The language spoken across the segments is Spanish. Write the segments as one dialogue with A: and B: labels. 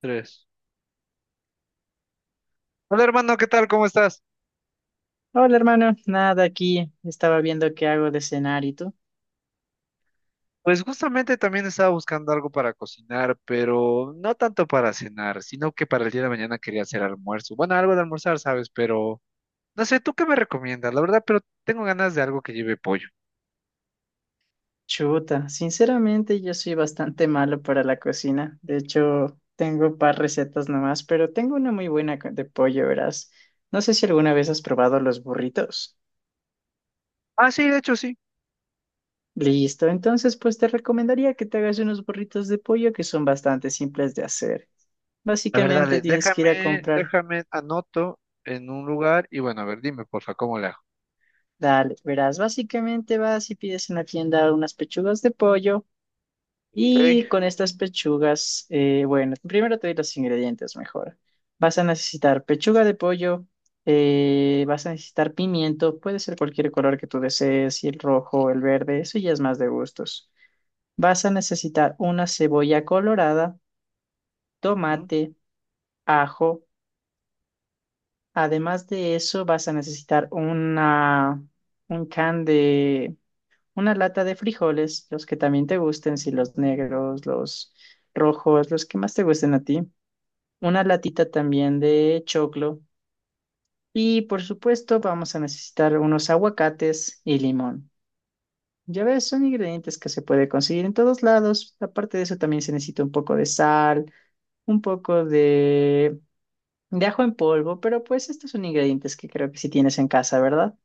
A: Tres. Hola hermano, ¿qué tal? ¿Cómo estás?
B: Hola hermano, nada aquí, estaba viendo qué hago de cenar y tú.
A: Pues justamente también estaba buscando algo para cocinar, pero no tanto para cenar, sino que para el día de mañana quería hacer almuerzo. Bueno, algo de almorzar, ¿sabes? Pero no sé, ¿tú qué me recomiendas? La verdad, pero tengo ganas de algo que lleve pollo.
B: Chuta, sinceramente yo soy bastante malo para la cocina. De hecho, tengo un par recetas nomás, pero tengo una muy buena de pollo, verás. No sé si alguna vez has probado los burritos.
A: Ah, sí, de hecho sí.
B: Listo, entonces pues te recomendaría que te hagas unos burritos de pollo que son bastante simples de hacer.
A: La verdad,
B: Básicamente tienes que ir a
A: déjame,
B: comprar.
A: déjame, anoto en un lugar y bueno, a ver, dime porfa, ¿cómo le hago?
B: Dale, verás, básicamente vas y pides en la tienda unas pechugas de pollo.
A: Ok.
B: Y con estas pechugas, bueno, primero te doy los ingredientes mejor. Vas a necesitar pechuga de pollo, vas a necesitar pimiento, puede ser cualquier color que tú desees, y el rojo, el verde, eso ya es más de gustos. Vas a necesitar una cebolla colorada,
A: Ujú.
B: tomate, ajo. Además de eso, vas a necesitar un una lata de frijoles, los que también te gusten, si los negros, los rojos, los que más te gusten a ti. Una latita también de choclo y por supuesto vamos a necesitar unos aguacates y limón. Ya ves, son ingredientes que se puede conseguir en todos lados. Aparte de eso también se necesita un poco de sal, un poco de ajo en polvo, pero pues estos son ingredientes que creo que sí tienes en casa, ¿verdad?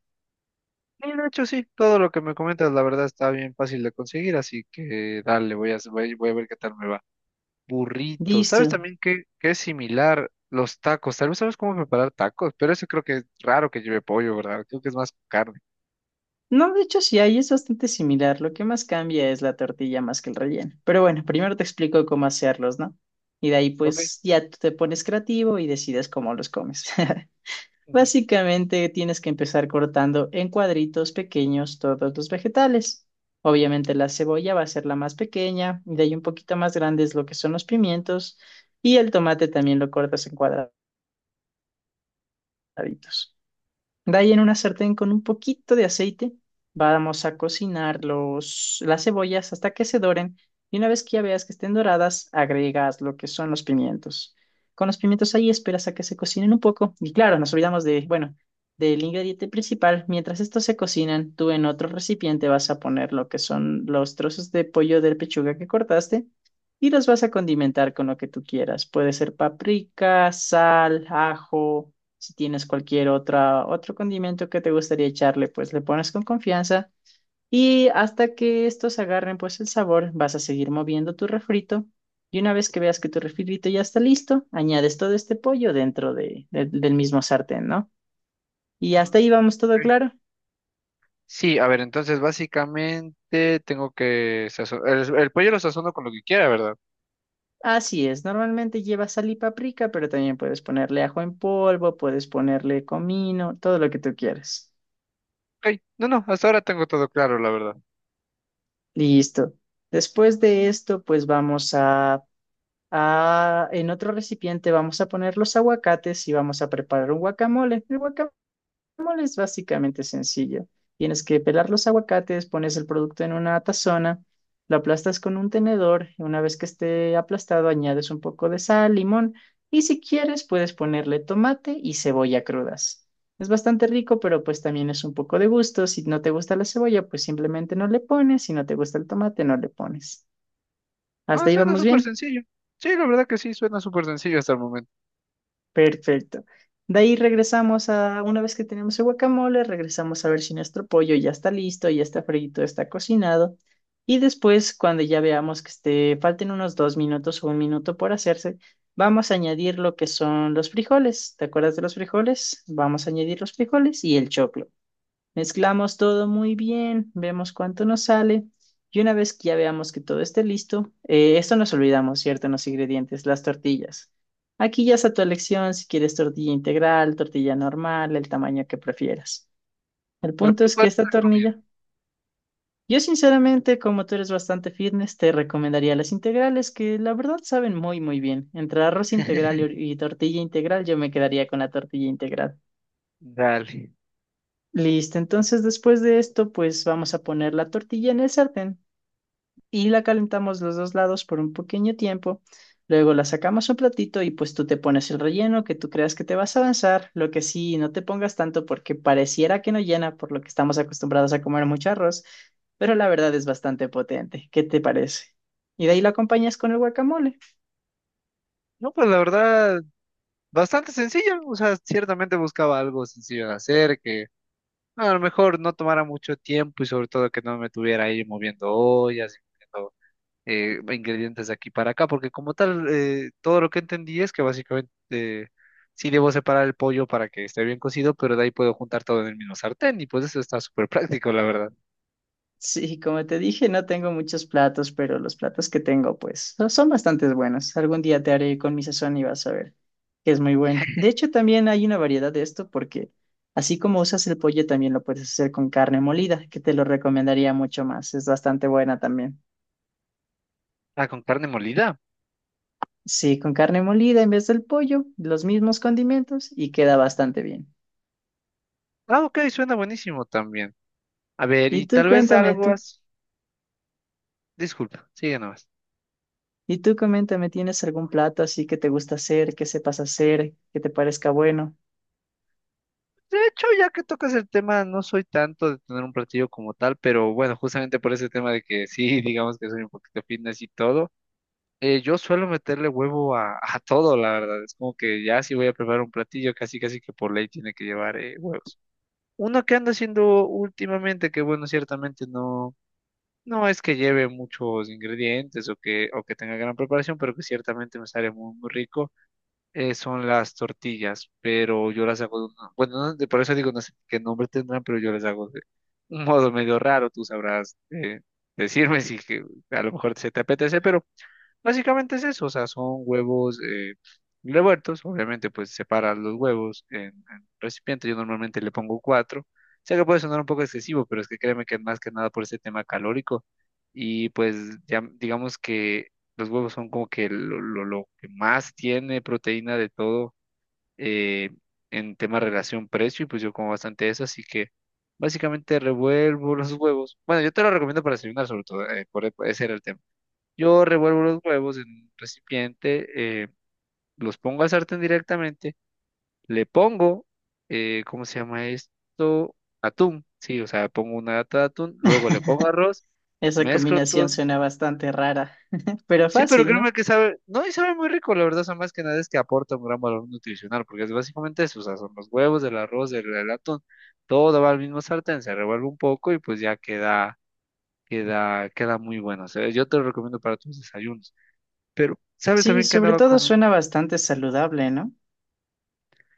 A: Sí, de hecho sí, todo lo que me comentas, la verdad, está bien fácil de conseguir, así que dale, voy a ver qué tal me va. Burritos.
B: Listo.
A: ¿Sabes también qué es similar? Los tacos. Tal vez sabes cómo preparar tacos, pero eso creo que es raro que lleve pollo, ¿verdad? Creo que es más carne.
B: No, de hecho sí hay, es bastante similar. Lo que más cambia es la tortilla más que el relleno. Pero bueno, primero te explico cómo hacerlos, ¿no? Y de ahí
A: Ok.
B: pues ya tú te pones creativo y decides cómo los comes.
A: Ujú.
B: Básicamente tienes que empezar cortando en cuadritos pequeños todos los vegetales. Obviamente la cebolla va a ser la más pequeña, y de ahí un poquito más grandes lo que son los pimientos y el tomate también lo cortas en cuadraditos. De ahí en una sartén con un poquito de aceite, vamos a cocinar las cebollas hasta que se doren y una vez que ya veas que estén doradas, agregas lo que son los pimientos. Con los pimientos ahí esperas a que se cocinen un poco y claro, nos olvidamos de, bueno, del ingrediente principal. Mientras estos se cocinan, tú en otro recipiente vas a poner lo que son los trozos de pollo de pechuga que cortaste y los vas a condimentar con lo que tú quieras. Puede ser paprika, sal, ajo. Si tienes cualquier otra, otro condimento que te gustaría echarle, pues le pones con confianza y hasta que estos agarren pues el sabor, vas a seguir moviendo tu refrito y una vez que veas que tu refrito ya está listo, añades todo este pollo dentro del mismo sartén, ¿no? Y hasta ahí vamos todo
A: Ok.
B: claro.
A: Sí, a ver, entonces básicamente tengo que sazonar. El pollo lo sazono con lo que quiera, ¿verdad?
B: Así es, normalmente lleva sal y paprika, pero también puedes ponerle ajo en polvo, puedes ponerle comino, todo lo que tú quieras.
A: Ok. No, no, hasta ahora tengo todo claro, la verdad.
B: Listo. Después de esto, pues vamos a... Ah, en otro recipiente vamos a poner los aguacates y vamos a preparar un guacamole. El guacamole es básicamente sencillo. Tienes que pelar los aguacates, pones el producto en una tazona, lo aplastas con un tenedor y una vez que esté aplastado añades un poco de sal, limón y si quieres puedes ponerle tomate y cebolla crudas. Es bastante rico, pero pues también es un poco de gusto. Si no te gusta la cebolla, pues simplemente no le pones. Si no te gusta el tomate, no le pones.
A: No,
B: Hasta ahí
A: suena
B: vamos
A: súper
B: bien.
A: sencillo. Sí, la verdad que sí, suena súper sencillo hasta el momento.
B: Perfecto. De ahí regresamos a, una vez que tenemos el guacamole, regresamos a ver si nuestro pollo ya está listo, ya está frito, está cocinado. Y después, cuando ya veamos que esté, falten unos dos minutos o un minuto por hacerse, vamos a añadir lo que son los frijoles. ¿Te acuerdas de los frijoles? Vamos a añadir los frijoles y el choclo. Mezclamos todo muy bien, vemos cuánto nos sale y una vez que ya veamos que todo esté listo, esto nos olvidamos, ¿cierto? En los ingredientes, las tortillas. Aquí ya es a tu elección si quieres tortilla integral, tortilla normal, el tamaño que prefieras. El
A: ¿Pero
B: punto
A: tú
B: es que
A: cuál
B: esta
A: te recomiendas?
B: tortilla... Yo sinceramente, como tú eres bastante fitness, te recomendaría las integrales que la verdad saben muy, muy bien. Entre arroz integral y tortilla integral, yo me quedaría con la tortilla integral.
A: Dale.
B: Listo, entonces después de esto, pues vamos a poner la tortilla en el sartén y la calentamos los dos lados por un pequeño tiempo. Luego la sacamos a un platito y pues tú te pones el relleno que tú creas que te vas a avanzar. Lo que sí, no te pongas tanto porque pareciera que no llena por lo que estamos acostumbrados a comer mucho arroz, pero la verdad es bastante potente. ¿Qué te parece? Y de ahí la acompañas con el guacamole.
A: No, pues la verdad, bastante sencillo. O sea, ciertamente buscaba algo sencillo de hacer, que a lo mejor no tomara mucho tiempo y sobre todo que no me tuviera ahí moviendo ollas, moviendo, ingredientes de aquí para acá, porque como tal, todo lo que entendí es que básicamente sí debo separar el pollo para que esté bien cocido, pero de ahí puedo juntar todo en el mismo sartén y pues eso está súper práctico, la verdad.
B: Sí, como te dije, no tengo muchos platos, pero los platos que tengo, pues, son bastante buenos. Algún día te haré con mi sazón y vas a ver que es muy bueno. De hecho, también hay una variedad de esto porque así como usas el pollo, también lo puedes hacer con carne molida, que te lo recomendaría mucho más. Es bastante buena también.
A: Ah, con carne molida.
B: Sí, con carne molida en vez del pollo, los mismos condimentos y queda bastante bien.
A: Ah, ok, suena buenísimo también. A ver,
B: Y
A: y
B: tú
A: tal vez
B: cuéntame,
A: algo así. Disculpa, sigue nomás.
B: y tú coméntame, ¿tienes algún plato así que te gusta hacer, que sepas hacer, que te parezca bueno?
A: De hecho, ya que tocas el tema, no soy tanto de tener un platillo como tal, pero bueno, justamente por ese tema de que sí, digamos que soy un poquito fitness y todo, yo suelo meterle huevo a todo, la verdad. Es como que ya si voy a preparar un platillo, casi casi que por ley tiene que llevar huevos. Uno que anda haciendo últimamente, que bueno, ciertamente no, no es que lleve muchos ingredientes o que tenga gran preparación, pero que ciertamente me sale muy, muy rico, son las tortillas, pero yo las hago de por eso digo, no sé qué nombre tendrán, pero yo las hago de un modo medio raro. Tú sabrás, decirme si que a lo mejor se te apetece, pero básicamente es eso. O sea, son huevos, revueltos, obviamente pues separas los huevos en recipiente, yo normalmente le pongo cuatro. Sé que puede sonar un poco excesivo, pero es que créeme que es más que nada por ese tema calórico, y pues ya digamos que los huevos son como que lo que más tiene proteína de todo, eh, en tema relación precio, y pues yo como bastante eso, así que básicamente revuelvo los huevos. Bueno, yo te lo recomiendo para desayunar sobre todo. Ese era el tema. Yo revuelvo los huevos en un recipiente, los pongo al sartén directamente, le pongo, ¿cómo se llama esto? Atún, sí, o sea, pongo una lata de atún, luego le pongo arroz,
B: Esa
A: mezclo
B: combinación
A: todo.
B: suena bastante rara, pero
A: Sí, pero
B: fácil, ¿no?
A: créeme que sabe, no, y sabe muy rico, la verdad. O sea, más que nada es que aporta un gran valor nutricional, porque es básicamente eso. O sea, son los huevos, el arroz, el atún, todo va al mismo sartén, se revuelve un poco y pues ya queda muy bueno. O sea, yo te lo recomiendo para tus desayunos. Pero, ¿sabes
B: Sí,
A: también que
B: sobre
A: andaba
B: todo
A: con?
B: suena bastante saludable, ¿no?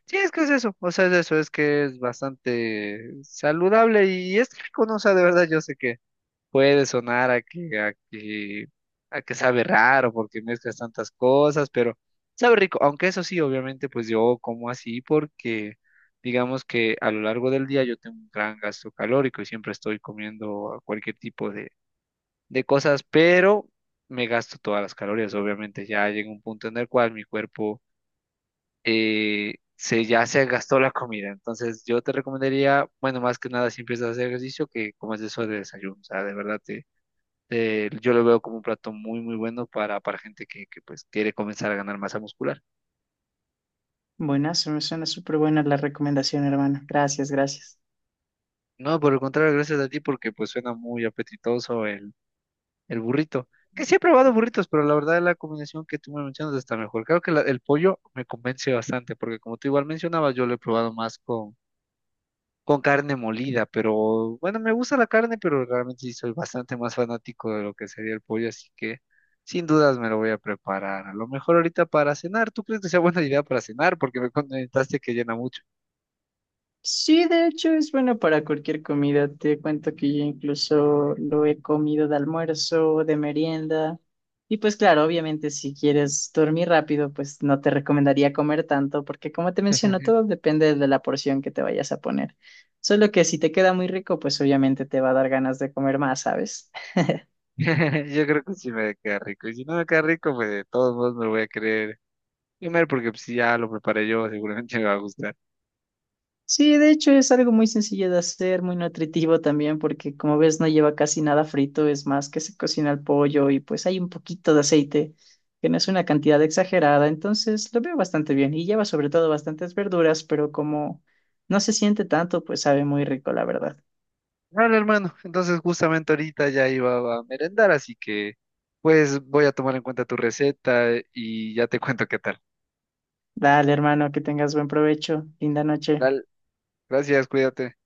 A: Sí, es que es eso. O sea, es eso, es que es bastante saludable y es rico, ¿no? O sea, de verdad yo sé que puede sonar a que, a que, a que sabe raro porque mezclas tantas cosas, pero sabe rico. Aunque eso sí, obviamente, pues yo como así porque digamos que a lo largo del día yo tengo un gran gasto calórico y siempre estoy comiendo cualquier tipo de cosas, pero me gasto todas las calorías. Obviamente ya llega un punto en el cual mi cuerpo, ya se gastó la comida. Entonces yo te recomendaría, bueno, más que nada si empiezas a hacer ejercicio, que comas eso de desayuno. O sea, de verdad yo lo veo como un plato muy, muy bueno para gente que pues quiere comenzar a ganar masa muscular.
B: Buenazo, me suena súper buena la recomendación, hermano. Gracias, gracias.
A: No, por el contrario, gracias a ti porque pues suena muy apetitoso el burrito. Que sí he probado burritos, pero la verdad la combinación que tú me mencionas está mejor. Creo que el pollo me convence bastante, porque como tú igual mencionabas, yo lo he probado más con carne molida. Pero bueno, me gusta la carne, pero realmente sí soy bastante más fanático de lo que sería el pollo, así que sin dudas me lo voy a preparar. A lo mejor ahorita para cenar. ¿Tú crees que sea buena idea para cenar? Porque me comentaste que llena mucho.
B: Sí, de hecho es bueno para cualquier comida. Te cuento que yo incluso lo he comido de almuerzo, de merienda. Y pues claro, obviamente si quieres dormir rápido, pues no te recomendaría comer tanto, porque como te menciono, todo depende de la porción que te vayas a poner. Solo que si te queda muy rico, pues obviamente te va a dar ganas de comer más, ¿sabes?
A: Yo creo que sí me queda rico, y si no me queda rico, pues de todos modos me lo voy a querer comer, porque pues, si ya lo preparé yo, seguramente me va a gustar.
B: Sí, de hecho es algo muy sencillo de hacer, muy nutritivo también, porque como ves no lleva casi nada frito, es más que se cocina el pollo y pues hay un poquito de aceite, que no es una cantidad exagerada, entonces lo veo bastante bien y lleva sobre todo bastantes verduras, pero como no se siente tanto, pues sabe muy rico, la verdad.
A: Vale, hermano, entonces justamente ahorita ya iba a merendar, así que pues voy a tomar en cuenta tu receta y ya te cuento qué tal.
B: Dale, hermano, que tengas buen provecho, linda noche.
A: Dale. Gracias, cuídate.